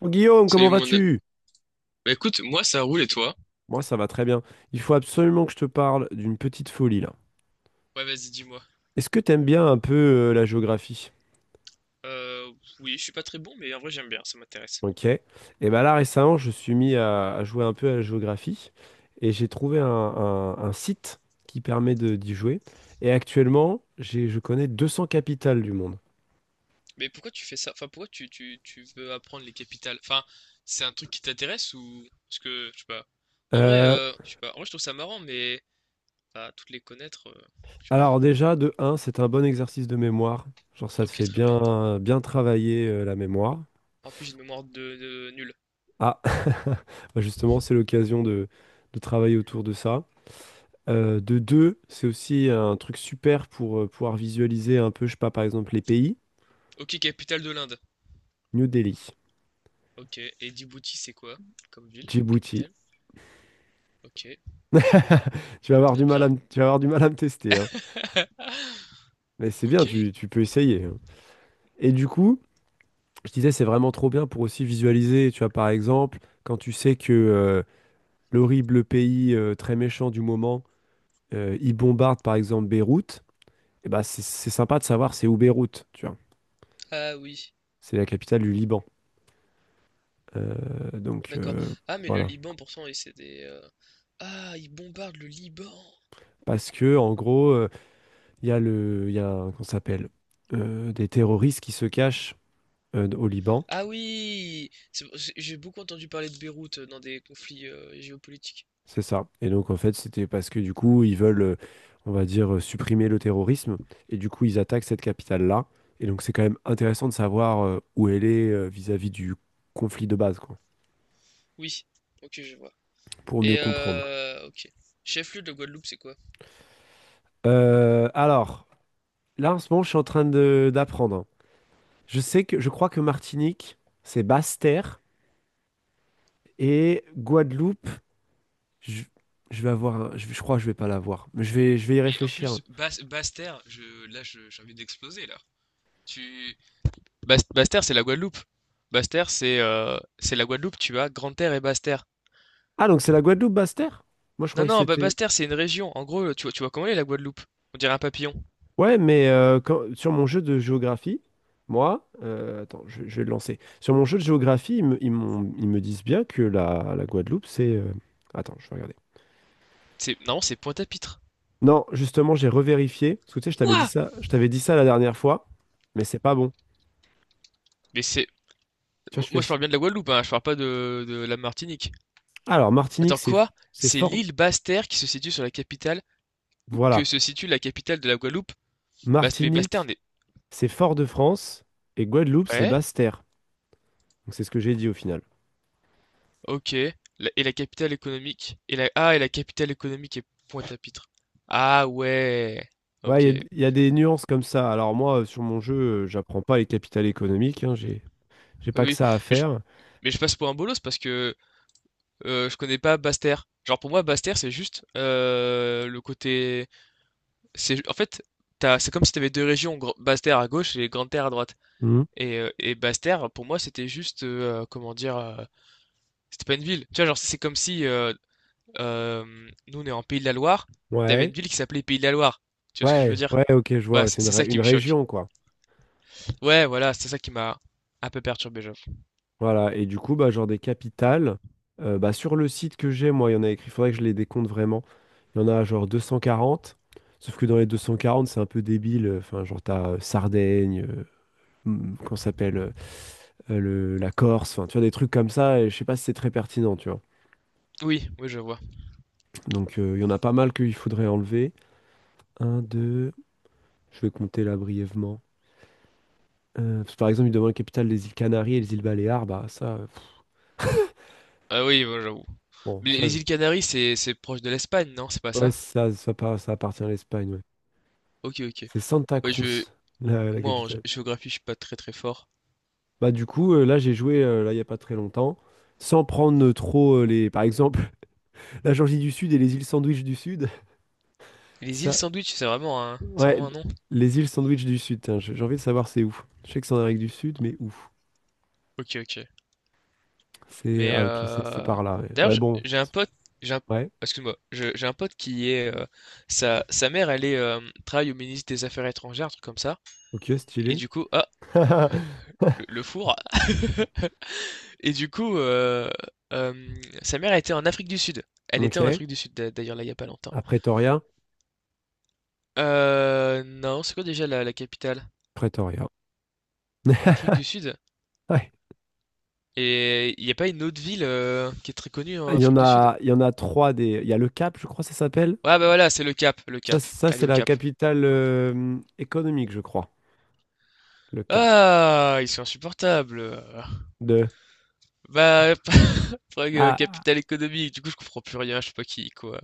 Oh, Guillaume, comment Salut mon... a- vas-tu? Bah écoute, moi ça roule et toi? Moi, ça va très bien. Il faut absolument que je te parle d'une petite folie là. Ouais, vas-y, dis-moi. Est-ce que t'aimes bien un peu la géographie? Euh, oui, je suis pas très bon, mais en vrai j'aime bien, ça m'intéresse. Ok. Et ben là, récemment, je suis mis à jouer un peu à la géographie et j'ai trouvé un site qui permet de d'y jouer. Et actuellement, je connais 200 capitales du monde. Mais pourquoi tu fais ça? Enfin, pourquoi tu veux apprendre les capitales? Enfin, c'est un truc qui t'intéresse ou... Parce que, je sais pas. En vrai, Euh, je sais pas. En vrai, je trouve ça marrant, mais... Bah, toutes les connaître, je sais alors pas. déjà, de un, c'est un bon exercice de mémoire. Genre, ça te Ok, fait très bien. bien travailler la mémoire. En plus, j'ai une mémoire de nulle. Ah, Bah, justement, c'est l'occasion de travailler autour de ça. De deux, c'est aussi un truc super pour pouvoir visualiser un peu, je sais pas, par exemple, les pays. Ok, capitale de l'Inde. New Delhi, Ok, et Djibouti, c'est quoi? Comme ville, comme Djibouti. capitale? Ok, Tu vas avoir très du mal à bien. Tu vas avoir du mal à me tester, hein. Mais c'est Ok. bien, tu peux essayer, hein. Et du coup, je disais, c'est vraiment trop bien pour aussi visualiser, tu vois, par exemple, quand tu sais que l'horrible pays très méchant du moment, il bombarde, par exemple, Beyrouth, et bah, c'est sympa de savoir c'est où Beyrouth, tu vois. Ah oui. C'est la capitale du Liban. Euh, donc, D'accord. euh, Ah, mais le voilà. Liban, pourtant, et c'est des. Ah, ils bombardent le Liban. Parce que, en gros… Il y a il y a qu'on s'appelle des terroristes qui se cachent au Liban, Ah oui! C'est- J'ai beaucoup entendu parler de Beyrouth dans des conflits géopolitiques. c'est ça. Et donc en fait, c'était parce que du coup, ils veulent, on va dire, supprimer le terrorisme, et du coup, ils attaquent cette capitale-là. Et donc c'est quand même intéressant de savoir où elle est vis-à-vis du conflit de base, quoi, Oui, ok, je vois. pour mieux Et comprendre. Ok. Chef-lieu de Guadeloupe, c'est quoi? Alors, là en ce moment, je suis en train de d'apprendre. Je sais que, je crois que Martinique, c'est Basse-Terre, et Guadeloupe, Je, je vais avoir je crois que je vais pas l'avoir. Mais je vais y Mais en réfléchir. plus, Bas Basse-Terre, je, là, je- j'ai envie d'exploser, là. Tu... Bas- Basse-Terre, c'est la Guadeloupe. Basse-Terre, c'est la Guadeloupe, tu as Grande-Terre et Basse-Terre. Ah, donc c'est la Guadeloupe Basse-Terre? Moi, je Non, croyais que non, Ba- c'était. Basse-Terre, c'est une région. En gros, tu vois comment elle est la Guadeloupe? On dirait un papillon. Ouais, mais quand- sur mon jeu de géographie, moi, attends, je vais le lancer. Sur mon jeu de géographie, ils me disent bien que la Guadeloupe, c'est. Attends, je vais regarder. C'est, non, c'est Pointe-à-Pitre. Non, justement, j'ai revérifié. Parce que tu sais, Quoi? Je t'avais dit ça la dernière fois, mais c'est pas bon. Mais c'est. Tu vois, je Moi, je fais. parle bien de la Guadeloupe, hein, je parle pas de, de la Martinique. Alors, Martinique, Attends, quoi? c'est C'est fort. l'île Basse-Terre qui se situe sur la capitale, ou que Voilà. se situe la capitale de la Guadeloupe? Basse- mais Basse-Terre Martinique, n'est. c'est Fort-de-France. Et Guadeloupe, c'est Ouais, Basse-Terre. Donc, c'est ce que j'ai dit au final. ok. La- et la capitale économique? Et la... Ah, et la capitale économique est Pointe-à-Pitre. Ah, ouais. Ouais, Ok. Il y a des nuances comme ça. Alors moi, sur mon jeu, j'apprends pas les capitales économiques, hein, j'ai Oui, pas que oui. ça à mais je, faire. mais je passe pour un bolos parce que je connais pas Basse-Terre. Genre, pour moi, Basse-Terre, c'est juste le côté. C'est, en fait, t'as- c'est comme si t'avais deux régions, Gr- Basse-Terre à gauche et Grande-Terre à droite. Mhm. Et Basse-Terre, pour moi, c'était juste, comment dire, c'était pas une ville. Tu vois, genre, c'est comme si euh, nous, on est en Pays de la Loire, t'avais une Ouais, ville qui s'appelait Pays de la Loire. Tu vois ce que je veux dire? ouais, ok, je vois. Voilà, Ouais, c'est c'est une, c'est ça ré- qui une me choque. région, quoi. Ouais, voilà, c'est ça qui m'a un peu perturbé, j'avoue. Voilà, et du coup, bah, genre des capitales, bah, sur le site que j'ai, moi, il y en a écrit, il faudrait que je les décompte vraiment. Il y en a genre 240, sauf que dans les 240, c'est un peu débile. Enfin, genre, t'as Sardaigne, qu'on s'appelle la Corse, enfin, tu vois, des trucs comme ça, et je sais pas si c'est très pertinent, tu vois. Oui, oui, je vois. Donc il y en a pas mal qu'il faudrait enlever. Un, deux, je vais compter là brièvement. Parce que par exemple, il demande la capitale des îles Canaries et les îles Baléares. Bah ça, pff, Ah oui, moi, j'avoue. bon, Mais les ça, les je- îles Canaries, c'est proche de l'Espagne, non? C'est pas ouais, ça? Par- ça appartient à l'Espagne, ouais. Ok, ok. C'est Santa Ouais, je, Cruz, la moi, en gé- capitale. géographie, je suis pas très très fort. Bah du coup, là j'ai joué là il y a pas très longtemps, sans prendre trop les, par exemple, la Georgie du Sud et les îles Sandwich du Sud. Et les îles Ça, Sandwich, c'est ouais, vraiment un nom? les îles Sandwich du Sud. Tiens, j'ai envie de savoir c'est où. Je sais que c'est en Amérique du Sud, mais où? Ok, ok. C'est Mais ah ok, c'est par là. Ouais, d'ailleurs, ouais, j'- bon, j'ai un pote, j'ai un, ouais. excuse-moi, je- j'ai un pote qui est sa, sa mère, elle est travaille au ministre des Affaires étrangères, un truc comme ça. Ok, Et stylé. du coup, ah, le four. Et du coup, euh, sa mère était en Afrique du Sud. Elle était en Ok. Afrique du Sud d'a- d'ailleurs là il y a pas longtemps. À Pretoria. Non, c'est quoi déjà la, la capitale? Pretoria. Afrique du Sud? Ouais. Et il n'y a pas une autre ville qui est très connue en Il y en Afrique du Sud? a, il y en a trois des. Il y a le Cap, je crois, ça s'appelle. Ouais, bah voilà, c'est le Cap, le Ça, Cap. ça Elle est c'est au la Cap. capitale économique, je crois. Le Cap. Ah! Ils sont insupportables, De. bah, faudrait que Ah. capitale économique, du coup, je comprends plus rien, je sais pas qui quoi.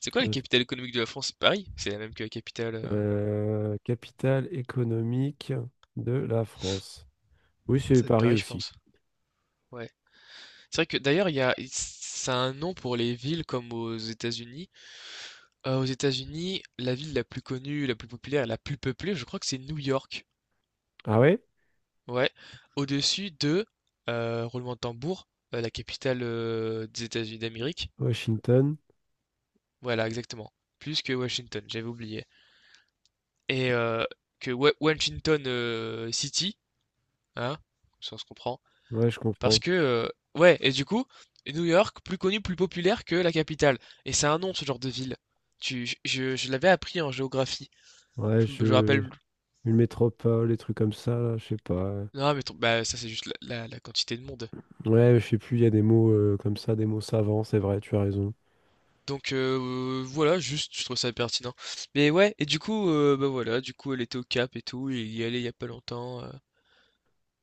C'est quoi la capitale économique de la France? C'est Paris? C'est la même que la capitale, Capitale économique de la France. Oui, ça c'est doit être Paris Paris, je pense. aussi. Ouais. C'est vrai que d'ailleurs, il y a ça a un nom pour les villes comme aux États-Unis. Aux États-Unis, la ville la plus connue, la plus populaire la plus peuplée, je crois que c'est New York. Ah ouais? Ouais. Au-dessus de, roulement de tambour, la capitale, des États-Unis d'Amérique. Washington. Voilà, exactement. Plus que Washington, j'avais oublié. Et que Wa- Washington City, hein, ça on se comprend, Ouais, je parce comprends. que ouais, et du coup, New York, plus connu, plus populaire que la capitale, et c'est un nom ce genre de ville. Tu, je l'avais appris en géographie. Ouais, Je me je. rappelle. Une métropole, des trucs comme ça, là, je sais pas. Non, mais ton- bah ça c'est juste la, la- la quantité de monde. Ouais, je sais plus, il y a des mots comme ça, des mots savants, c'est vrai, tu as raison. Donc voilà, juste je trouve ça pertinent. Mais ouais, et du coup, bah voilà, du coup elle était au Cap et tout, il y allait il y a pas longtemps.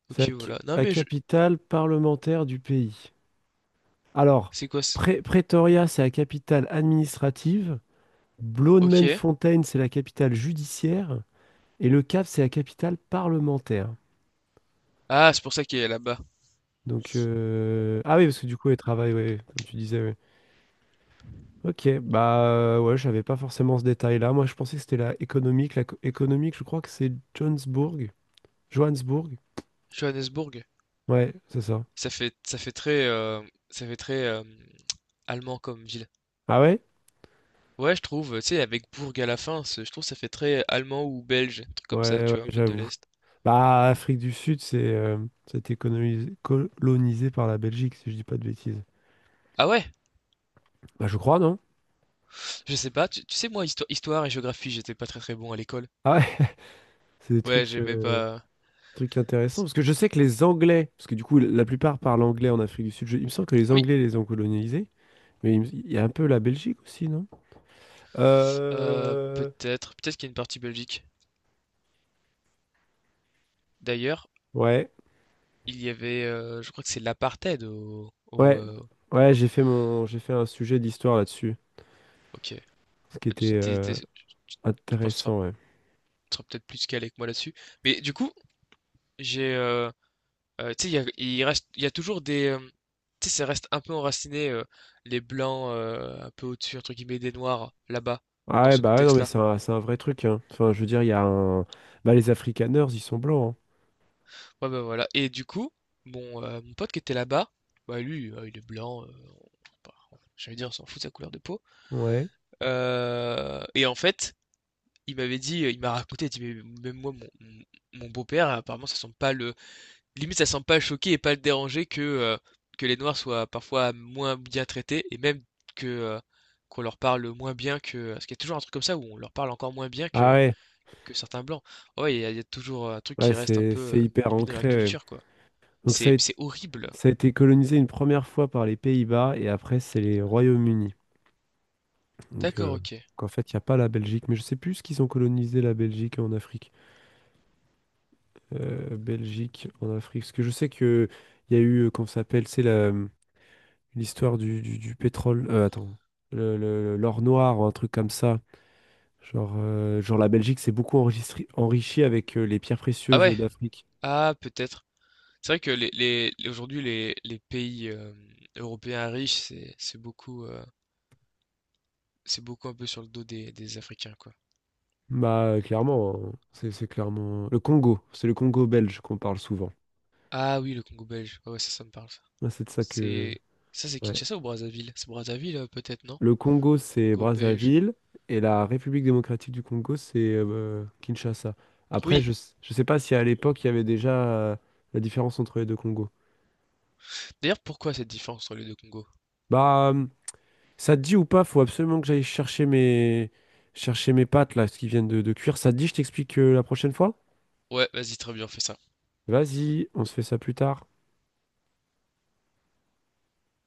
C'est Ok, la c- voilà. Non à mais je, capitale parlementaire du pays. Alors, c'est quoi, c'est- Pré- Pretoria, c'est la capitale administrative. ok. Bloemfontein, c'est la capitale judiciaire. Et Le Cap, c'est la capitale parlementaire. Ah, c'est pour ça qu'il est là-bas. Donc, ah oui, parce que du coup, elle travaille, ouais, comme tu disais, ouais. Ok, bah ouais, j'avais pas forcément ce détail-là. Moi, je pensais que c'était la économique. La co- économique, je crois que c'est Johannesburg. Johannesburg. Johannesburg. Ouais, c'est ça. Ça fait très, ça fait très, allemand comme ville. Ah ouais? Ouais, je trouve, tu sais, avec bourg à la fin, c'est je trouve ça fait très allemand ou belge, un truc comme ça, Ouais, ouais, tu vois? Un peu de j'avoue. l'est. Bah, Afrique du Sud, c'est c'était colonisé, colonisé par la Belgique, si je dis pas de bêtises. Ah ouais? Bah, je crois, non? Je sais pas, tu sais, moi, histo histoire et géographie, j'étais pas très, très bon à l'école. Ah ouais, c'est des Ouais, trucs, j'aimais pas trucs intéressants. Parce que je sais que les Anglais, parce que du coup, la plupart parlent anglais en Afrique du Sud. Je- il me semble que les oui, Anglais les ont colonisés, mais il, me- il y a un peu la Belgique aussi, non? Euh, peut-être, peut-être qu'il y a une partie Belgique. D'ailleurs, ouais, il y avait, je crois que c'est l'apartheid au au, ouais, ouais, au j'ai fait un sujet d'histoire là-dessus, OK. ce qui Bah, tu était tu étais tu tu penses que intéressant, ouais. tu seras peut-être plus calé que moi là-dessus. Mais du coup, j'ai, Tu sais, il y a, il reste, il y a toujours des. Tu sais, ça reste un peu enraciné, les blancs un peu au-dessus, entre guillemets, des noirs, là-bas, Ah dans ouais, ce bah ouais, non, mais contexte-là. C'est un vrai truc, hein. Enfin, je veux dire, il y a un… Bah, les Afrikaners, ils sont blancs, Ouais, bah voilà. Et du coup, bon, mon pote qui était là-bas, bah lui, il est blanc, bah, j'allais dire, on s'en fout de sa couleur de peau. hein. Ouais. Et en fait, il m'avait dit, il m'a raconté, il dit, mais même moi, mon- mon beau-père, apparemment, ça sent pas le, limite ça semble pas le choquer et pas le déranger que les noirs soient parfois moins bien traités et même que, qu'on leur parle moins bien que, parce qu'il y a toujours un truc comme ça où on leur parle encore moins bien Ah ouais, que certains blancs. Ah ouais, il y a toujours, un truc qui ouais, reste un peu, c'est hyper limite dans la ancré, ouais. culture, quoi. Donc, ça a, C'est horrible. ça a été colonisé une première fois par les Pays-Bas, et après, c'est les Royaumes-Unis. Donc, D'accord, OK. En fait, il n'y a pas la Belgique, mais je sais plus ce qu'ils ont colonisé la Belgique en Afrique. Belgique en Afrique. Parce que je sais que il y a eu, comment ça s'appelle, c'est la, l'histoire du pétrole… attends, l'or noir, ou un truc comme ça. Genre, la Belgique s'est beaucoup enregistri- enrichie avec les pierres Ah précieuses ouais? d'Afrique. Ah peut-être. C'est vrai que les aujourd'hui les pays, européens riches, c'est beaucoup, c'est beaucoup un peu sur le dos des Africains, quoi. Bah, clairement, hein. C'est clairement… Le Congo, c'est le Congo belge qu'on parle souvent. Ah oui, le Congo belge. Ouais, ouais, ça me parle Moi, c'est de ça que… c'est ça, c'est Ouais. Kinshasa ou Brazzaville? C'est Brazzaville peut-être, non? Le Congo, c'est Congo belge. Brazzaville, et la République démocratique du Congo, c'est Kinshasa. Après, Oui. Je sais pas si à l'époque, il y avait déjà la différence entre les deux Congos. D'ailleurs, pourquoi cette différence entre les deux Congos? Bah, ça te dit ou pas, faut absolument que j'aille chercher mes… chercher mes pâtes, là, ce qui viennent de cuire. Ça te dit, je t'explique la prochaine fois? Ouais, vas-y, très bien, on fait ça. Vas-y, on se fait ça plus tard.